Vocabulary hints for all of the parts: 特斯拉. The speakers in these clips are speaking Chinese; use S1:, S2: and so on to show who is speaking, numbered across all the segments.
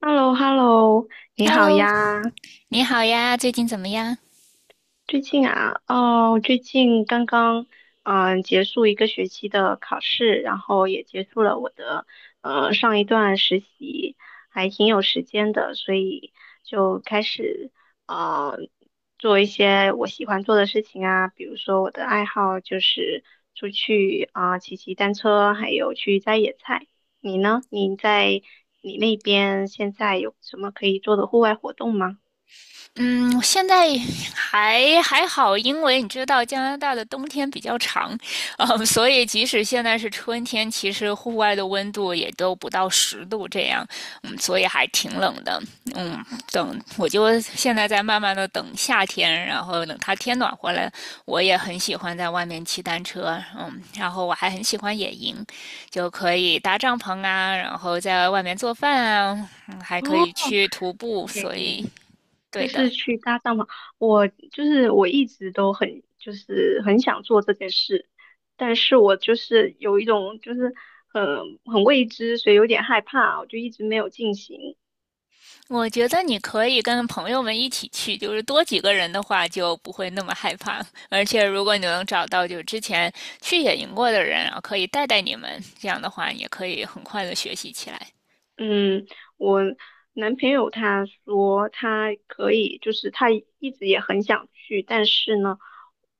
S1: h e l l o hello 你好
S2: Hello,
S1: 呀。
S2: 你好呀，最近怎么样？
S1: 最近啊，哦，最近刚刚结束一个学期的考试，然后也结束了我的上一段实习，还挺有时间的，所以就开始呃做一些我喜欢做的事情啊，比如说我的爱好就是出去啊、骑单车，还有去摘野菜。你呢？你那边现在有什么可以做的户外活动吗？
S2: 嗯，现在还好，因为你知道加拿大的冬天比较长，所以即使现在是春天，其实户外的温度也都不到10度这样，所以还挺冷的。嗯，就现在在慢慢的等夏天，然后等它天暖和了，我也很喜欢在外面骑单车，然后我还很喜欢野营，就可以搭帐篷啊，然后在外面做饭啊，还可
S1: 哦，
S2: 以去徒步，
S1: 野
S2: 所以
S1: 营就
S2: 对的。
S1: 是去搭帐篷。我就是我一直都很就是很想做这件事，但是我就是有一种就是很很未知，所以有点害怕，我就一直没有进行。
S2: 我觉得你可以跟朋友们一起去，就是多几个人的话就不会那么害怕。而且如果你能找到就之前去野营过的人啊，然后可以带你们，这样的话也可以很快的学习起来。
S1: 嗯，我男朋友他说他可以，就是他一直也很想去，但是呢，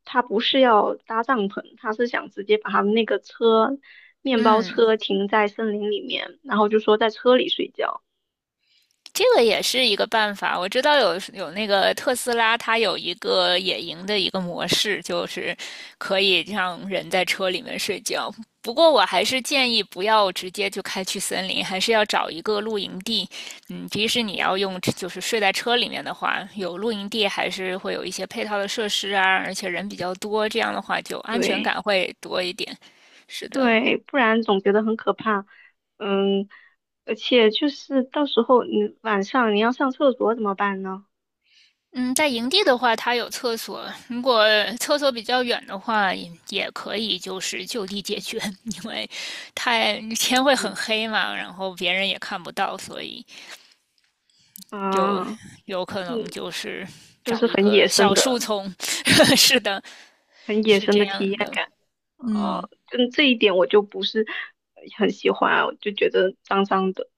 S1: 他不是要搭帐篷，他是想直接把他们那个车面包
S2: 嗯。
S1: 车停在森林里面，然后就说在车里睡觉。
S2: 这个也是一个办法。我知道有那个特斯拉，它有一个野营的一个模式，就是可以让人在车里面睡觉。不过我还是建议不要直接就开去森林，还是要找一个露营地。即使你要用就是睡在车里面的话，有露营地还是会有一些配套的设施啊，而且人比较多，这样的话就安全
S1: 对，
S2: 感会多一点。是的。
S1: 对，不然总觉得很可怕。嗯，而且就是到时候你晚上你要上厕所怎么办呢？
S2: 嗯，在营地的话，它有厕所。如果厕所比较远的话，也可以就是就地解决，因为太天会很
S1: 嗯，
S2: 黑嘛，然后别人也看不到，所以就
S1: 啊，
S2: 有可
S1: 嗯，
S2: 能就是
S1: 就
S2: 找
S1: 是
S2: 一
S1: 很野
S2: 个
S1: 生
S2: 小
S1: 的，
S2: 树丛。是的，
S1: 很野
S2: 是
S1: 生
S2: 这
S1: 的体验
S2: 样的。
S1: 感。啊，
S2: 嗯。
S1: 嗯，这一点我就不是很喜欢，我就觉得脏脏的。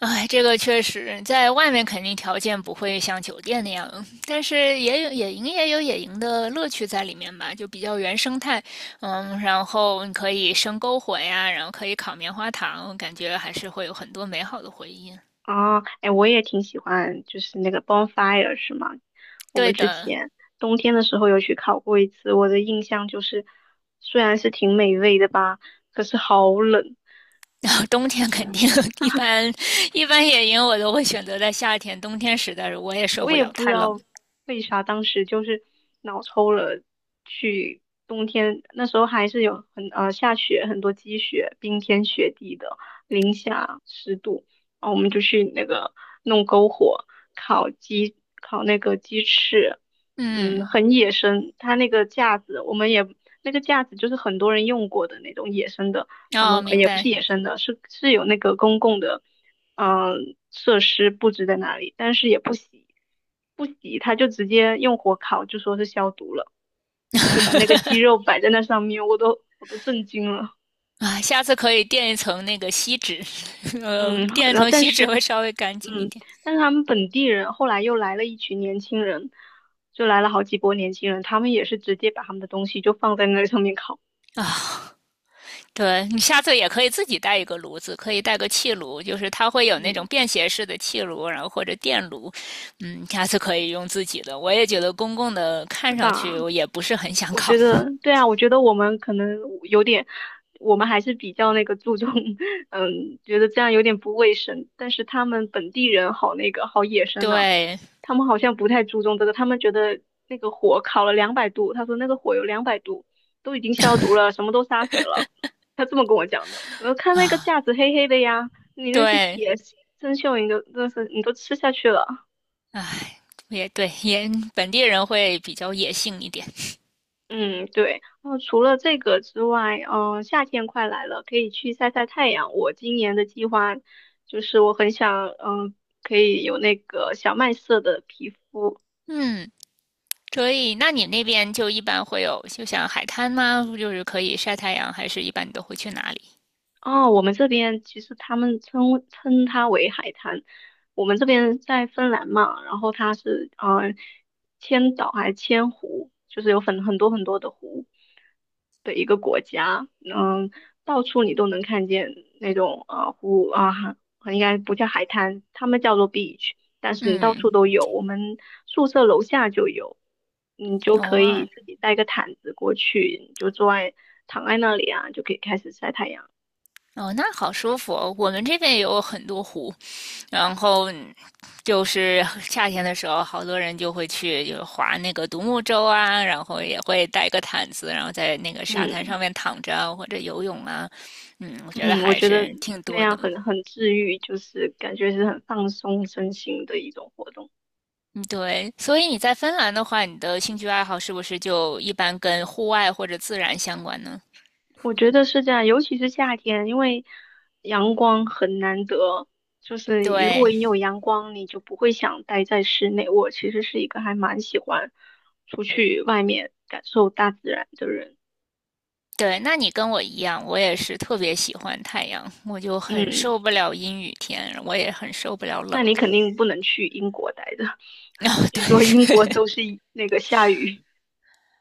S2: 哎，这个确实，在外面肯定条件不会像酒店那样，但是也有野营的乐趣在里面吧，就比较原生态。然后你可以生篝火呀，然后可以烤棉花糖，感觉还是会有很多美好的回忆。
S1: 啊，哎，我也挺喜欢，就是那个 bonfire 是吗？我们
S2: 对
S1: 之
S2: 的，
S1: 前冬天的时候有去烤过一次，我的印象就是，虽然是挺美味的吧，可是好冷。
S2: 然后冬天肯定 一般，一般野营我都会选择在夏天，冬天实在是我也受
S1: 我
S2: 不
S1: 也
S2: 了，
S1: 不知
S2: 太冷。
S1: 道为啥当时就是脑抽了去冬天，那时候还是有很下雪，很多积雪，冰天雪地的，零下10度，然后我们就去那个弄篝火烤鸡，烤那个鸡翅，嗯，
S2: 嗯，
S1: 很野生，它那个架子我们也那个架子就是很多人用过的那种野生的，他们
S2: 哦，明
S1: 也不
S2: 白。
S1: 是野生的，是有那个公共的。设施布置在那里，但是也不洗，不洗他就直接用火烤，就说是消毒了，就把那个鸡肉摆在那上面，我都震惊了。
S2: 啊，下次可以垫一层那个锡纸，
S1: 嗯，
S2: 垫一
S1: 然后
S2: 层
S1: 但
S2: 锡
S1: 是，
S2: 纸会稍微干净一
S1: 嗯，
S2: 点。
S1: 但是他们本地人后来又来了一群年轻人，就来了好几波年轻人，他们也是直接把他们的东西就放在那上面烤，
S2: 啊，对你下次也可以自己带一个炉子，可以带个气炉，就是它会有那种
S1: 嗯，
S2: 便携式的气炉，然后或者电炉，下次可以用自己的。我也觉得公共的
S1: 是
S2: 看上
S1: 吧？
S2: 去我也不是很想
S1: 我觉
S2: 搞，
S1: 得对啊，我觉得我们可能有点，我们还是比较那个注重，嗯，觉得这样有点不卫生。但是他们本地人好那个好野 生呢、
S2: 对。
S1: 他们好像不太注重这个，他们觉得那个火烤了两百度，他说那个火有两百度，都已经消毒了，什么都杀死了。他这么跟我讲的。我说看那个架子黑黑的呀，你那些
S2: 对，
S1: 铁生锈你都吃下去了。
S2: 唉，也对，也本地人会比较野性一点，
S1: 嗯，对。那除了这个之外，夏天快来了，可以去晒晒太阳。我今年的计划就是我很想，可以有那个小麦色的皮肤。
S2: 嗯。所以，那你那边就一般会有，就像海滩吗？就是可以晒太阳，还是一般你都会去哪里？
S1: 哦，我们这边其实他们称它为海滩。我们这边在芬兰嘛，然后它是千岛还是千湖，就是有很多很多的湖的一个国家。嗯，到处你都能看见那种湖啊，应该不叫海滩，他们叫做 beach,但是你到
S2: 嗯，
S1: 处都有。我们宿舍楼下就有，你就
S2: 哦
S1: 可
S2: 啊，
S1: 以自己带个毯子过去，你就坐在躺在那里啊，就可以开始晒太阳。
S2: 哦，那好舒服哦。我们这边也有很多湖，然后就是夏天的时候，好多人就会去就划那个独木舟啊，然后也会带个毯子，然后在那个沙滩
S1: 嗯，
S2: 上面躺着啊或者游泳啊。嗯，我觉得
S1: 嗯，我
S2: 还
S1: 觉得
S2: 是挺
S1: 那
S2: 多
S1: 样
S2: 的。
S1: 很治愈，就是感觉是很放松身心的一种活动。
S2: 嗯，对。所以你在芬兰的话，你的兴趣爱好是不是就一般跟户外或者自然相关呢？
S1: 我觉得是这样，尤其是夏天，因为阳光很难得，就是如果
S2: 对。
S1: 你有阳光，你就不会想待在室内。我其实是一个还蛮喜欢出去外面感受大自然的人。
S2: 对，那你跟我一样，我也是特别喜欢太阳，我就很
S1: 嗯，
S2: 受不了阴雨天，我也很受不了冷。
S1: 那你肯 定不能去英国待着，
S2: 然后 对。
S1: 据说英国都是那个下雨。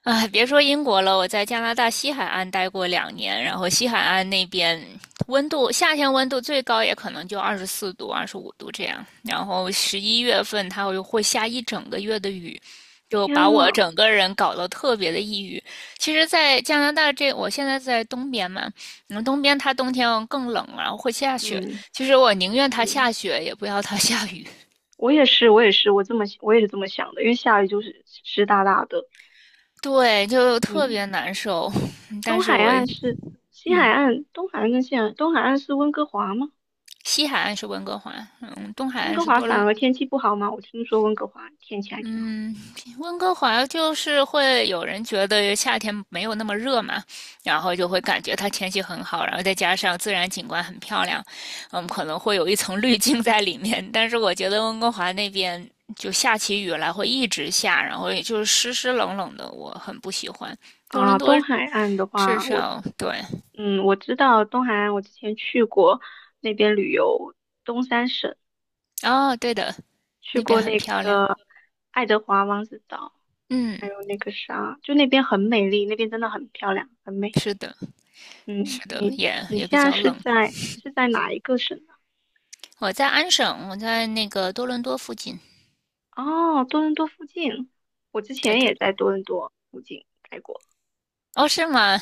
S2: 哎，别说英国了，我在加拿大西海岸待过2年，然后西海岸那边温度，夏天温度最高也可能就24度、25度这样，然后11月份它会下一整个月的雨，就把
S1: 天
S2: 我
S1: 呐，
S2: 整个人搞得特别的抑郁。其实，在加拿大这，我现在在东边嘛，东边它冬天更冷，然后会下雪。
S1: 嗯，
S2: 其实我宁愿它
S1: 嗯。
S2: 下雪，也不要它下雨。
S1: 我也是，我也是，我也是这么想的，因为下雨就是湿哒哒的。
S2: 对，就特
S1: 嗯，
S2: 别难受。但
S1: 东
S2: 是
S1: 海
S2: 我，
S1: 岸是西海
S2: 嗯。
S1: 岸，东海岸跟西海岸，东海岸是温哥华吗？
S2: 西海岸是温哥华，东海
S1: 温
S2: 岸
S1: 哥
S2: 是
S1: 华
S2: 多
S1: 反
S2: 伦，
S1: 而天气不好吗？我听说温哥华天气还挺好
S2: 嗯，温哥华就是会有人觉得夏天没有那么热嘛，然后就会感觉它天气很好，然后再加上自然景观很漂亮，可能会有一层滤镜在里面。但是我觉得温哥华那边就下起雨来会一直下，然后也就是湿湿冷冷的，我很不喜欢。多伦
S1: 啊。
S2: 多
S1: 东海岸的
S2: 至
S1: 话，
S2: 少对。
S1: 嗯我知道东海岸，我之前去过那边旅游，东三省
S2: 哦，对的，
S1: 去
S2: 那边
S1: 过
S2: 很
S1: 那
S2: 漂亮，
S1: 个爱德华王子岛，还
S2: 嗯，
S1: 有那个啥，就那边很美丽，那边真的很漂亮，很美。
S2: 是的，是
S1: 嗯，
S2: 的，也
S1: 你
S2: 也比
S1: 现在
S2: 较冷。
S1: 是在哪一个省呢？
S2: 我在安省，我在那个多伦多附近。
S1: 哦，多伦多附近，我之
S2: 对
S1: 前
S2: 的，
S1: 也在多伦多附近待过。
S2: 哦，是吗？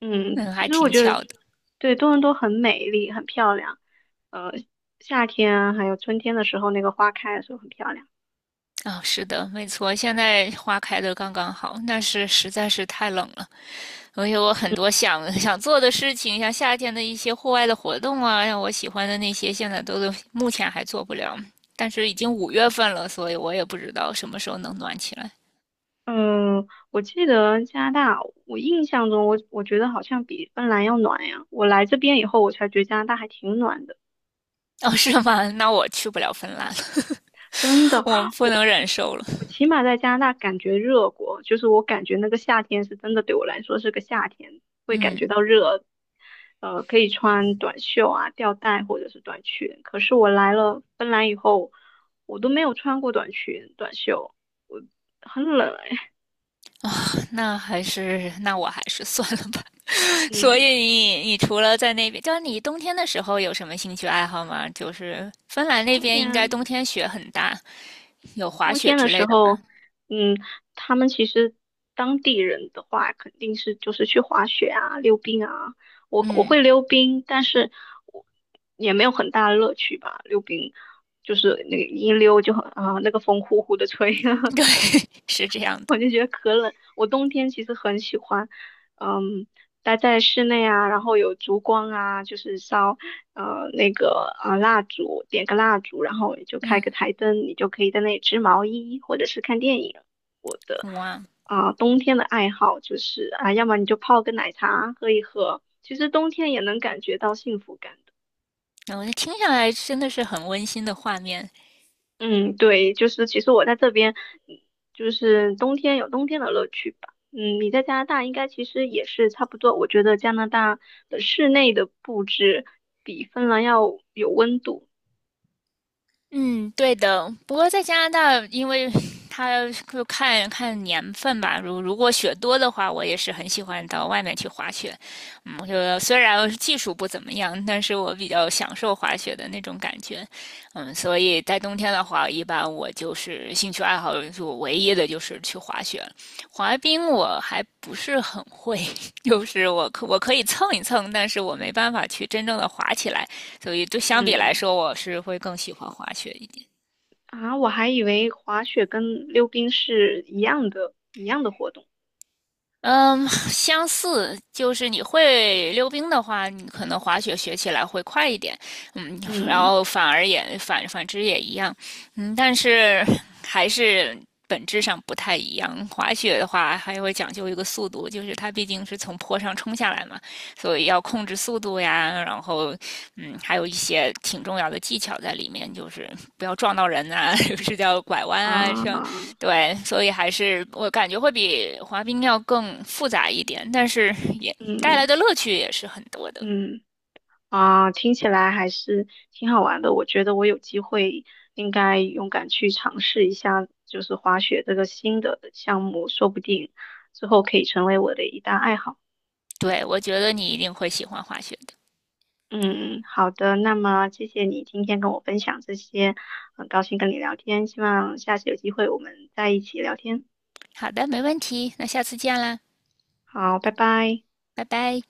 S1: 嗯，
S2: 嗯，
S1: 其
S2: 还
S1: 实我
S2: 挺
S1: 觉得
S2: 巧的。
S1: 对多伦多很美丽，很漂亮。呃，夏天啊还有春天的时候，那个花开的时候很漂亮。
S2: 啊、是的，没错，现在花开的刚刚好，但是实在是太冷了。我很多想做的事情，像夏天的一些户外的活动啊，像我喜欢的那些，现在目前还做不了。但是已经5月份了，所以我也不知道什么时候能暖起来。
S1: 嗯，我记得加拿大，我印象中我觉得好像比芬兰要暖呀。我来这边以后，我才觉得加拿大还挺暖的。
S2: 哦，是吗？那我去不了芬兰了，
S1: 真的，
S2: 我不
S1: 我
S2: 能忍受了。
S1: 我起码在加拿大感觉热过，就是我感觉那个夏天是真的对我来说是个夏天，会感
S2: 嗯，
S1: 觉到热，呃，可以穿短袖啊、吊带或者是短裙。可是我来了芬兰以后，我都没有穿过短裙、短袖，我很冷哎。
S2: 那我还是算了吧。所以
S1: 嗯，
S2: 你除了在那边，就是你冬天的时候有什么兴趣爱好吗？就是芬兰那
S1: 冬
S2: 边应该
S1: 天
S2: 冬天雪很大，有滑
S1: 冬
S2: 雪
S1: 天的
S2: 之类
S1: 时
S2: 的吗？
S1: 候，嗯，他们其实当地人的话，肯定是就是去滑雪啊、溜冰啊。我
S2: 嗯，
S1: 会溜冰，但是我也没有很大的乐趣吧。溜冰就是那个一溜就很啊，那个风呼呼的吹，
S2: 对，是这样的。
S1: 我就觉得可冷。我冬天其实很喜欢，嗯，待在室内啊，然后有烛光啊，就是烧蜡烛，点个蜡烛，然后你就开个
S2: 嗯，
S1: 台灯，你就可以在那里织毛衣或者是看电影。我的
S2: 哇，
S1: 啊、冬天的爱好就是啊，要么你就泡个奶茶喝一喝，其实冬天也能感觉到幸福感。
S2: 我听下来真的是很温馨的画面。
S1: 嗯，对，就是其实我在这边，嗯就是冬天有冬天的乐趣吧。嗯，你在加拿大应该其实也是差不多。我觉得加拿大的室内的布置比芬兰要有温度。
S2: 嗯，对的。不过在加拿大，因为 它就看看年份吧。如果雪多的话，我也是很喜欢到外面去滑雪。我就虽然技术不怎么样，但是我比较享受滑雪的那种感觉。所以在冬天的话，一般我就是兴趣爱好，就唯一的就是去滑雪。滑冰我还不是很会，就是我可以蹭一蹭，但是我没办法去真正的滑起来。所以对相比来
S1: 嗯，
S2: 说，我是会更喜欢滑雪一点。
S1: 啊，我还以为滑雪跟溜冰是一样的，一样的活动。
S2: 嗯，相似就是你会溜冰的话，你可能滑雪学起来会快一点，嗯，然
S1: 嗯，
S2: 后反之也一样，嗯，但是还是本质上不太一样。滑雪的话，还会讲究一个速度，就是它毕竟是从坡上冲下来嘛，所以要控制速度呀，然后还有一些挺重要的技巧在里面，就是不要撞到人啊，就是叫拐弯啊，像
S1: 啊，
S2: 对，所以还是我感觉会比滑冰要更复杂一点，但是也带
S1: 嗯，
S2: 来的乐趣也是很多的。
S1: 嗯。啊，听起来还是挺好玩的。我觉得我有机会应该勇敢去尝试一下，就是滑雪这个新的项目，说不定之后可以成为我的一大爱好。
S2: 对，我觉得你一定会喜欢滑雪的。
S1: 嗯，好的，那么谢谢你今天跟我分享这些，很高兴跟你聊天，希望下次有机会我们再一起聊天。
S2: 好的，没问题，那下次见啦，
S1: 好，拜拜。
S2: 拜拜。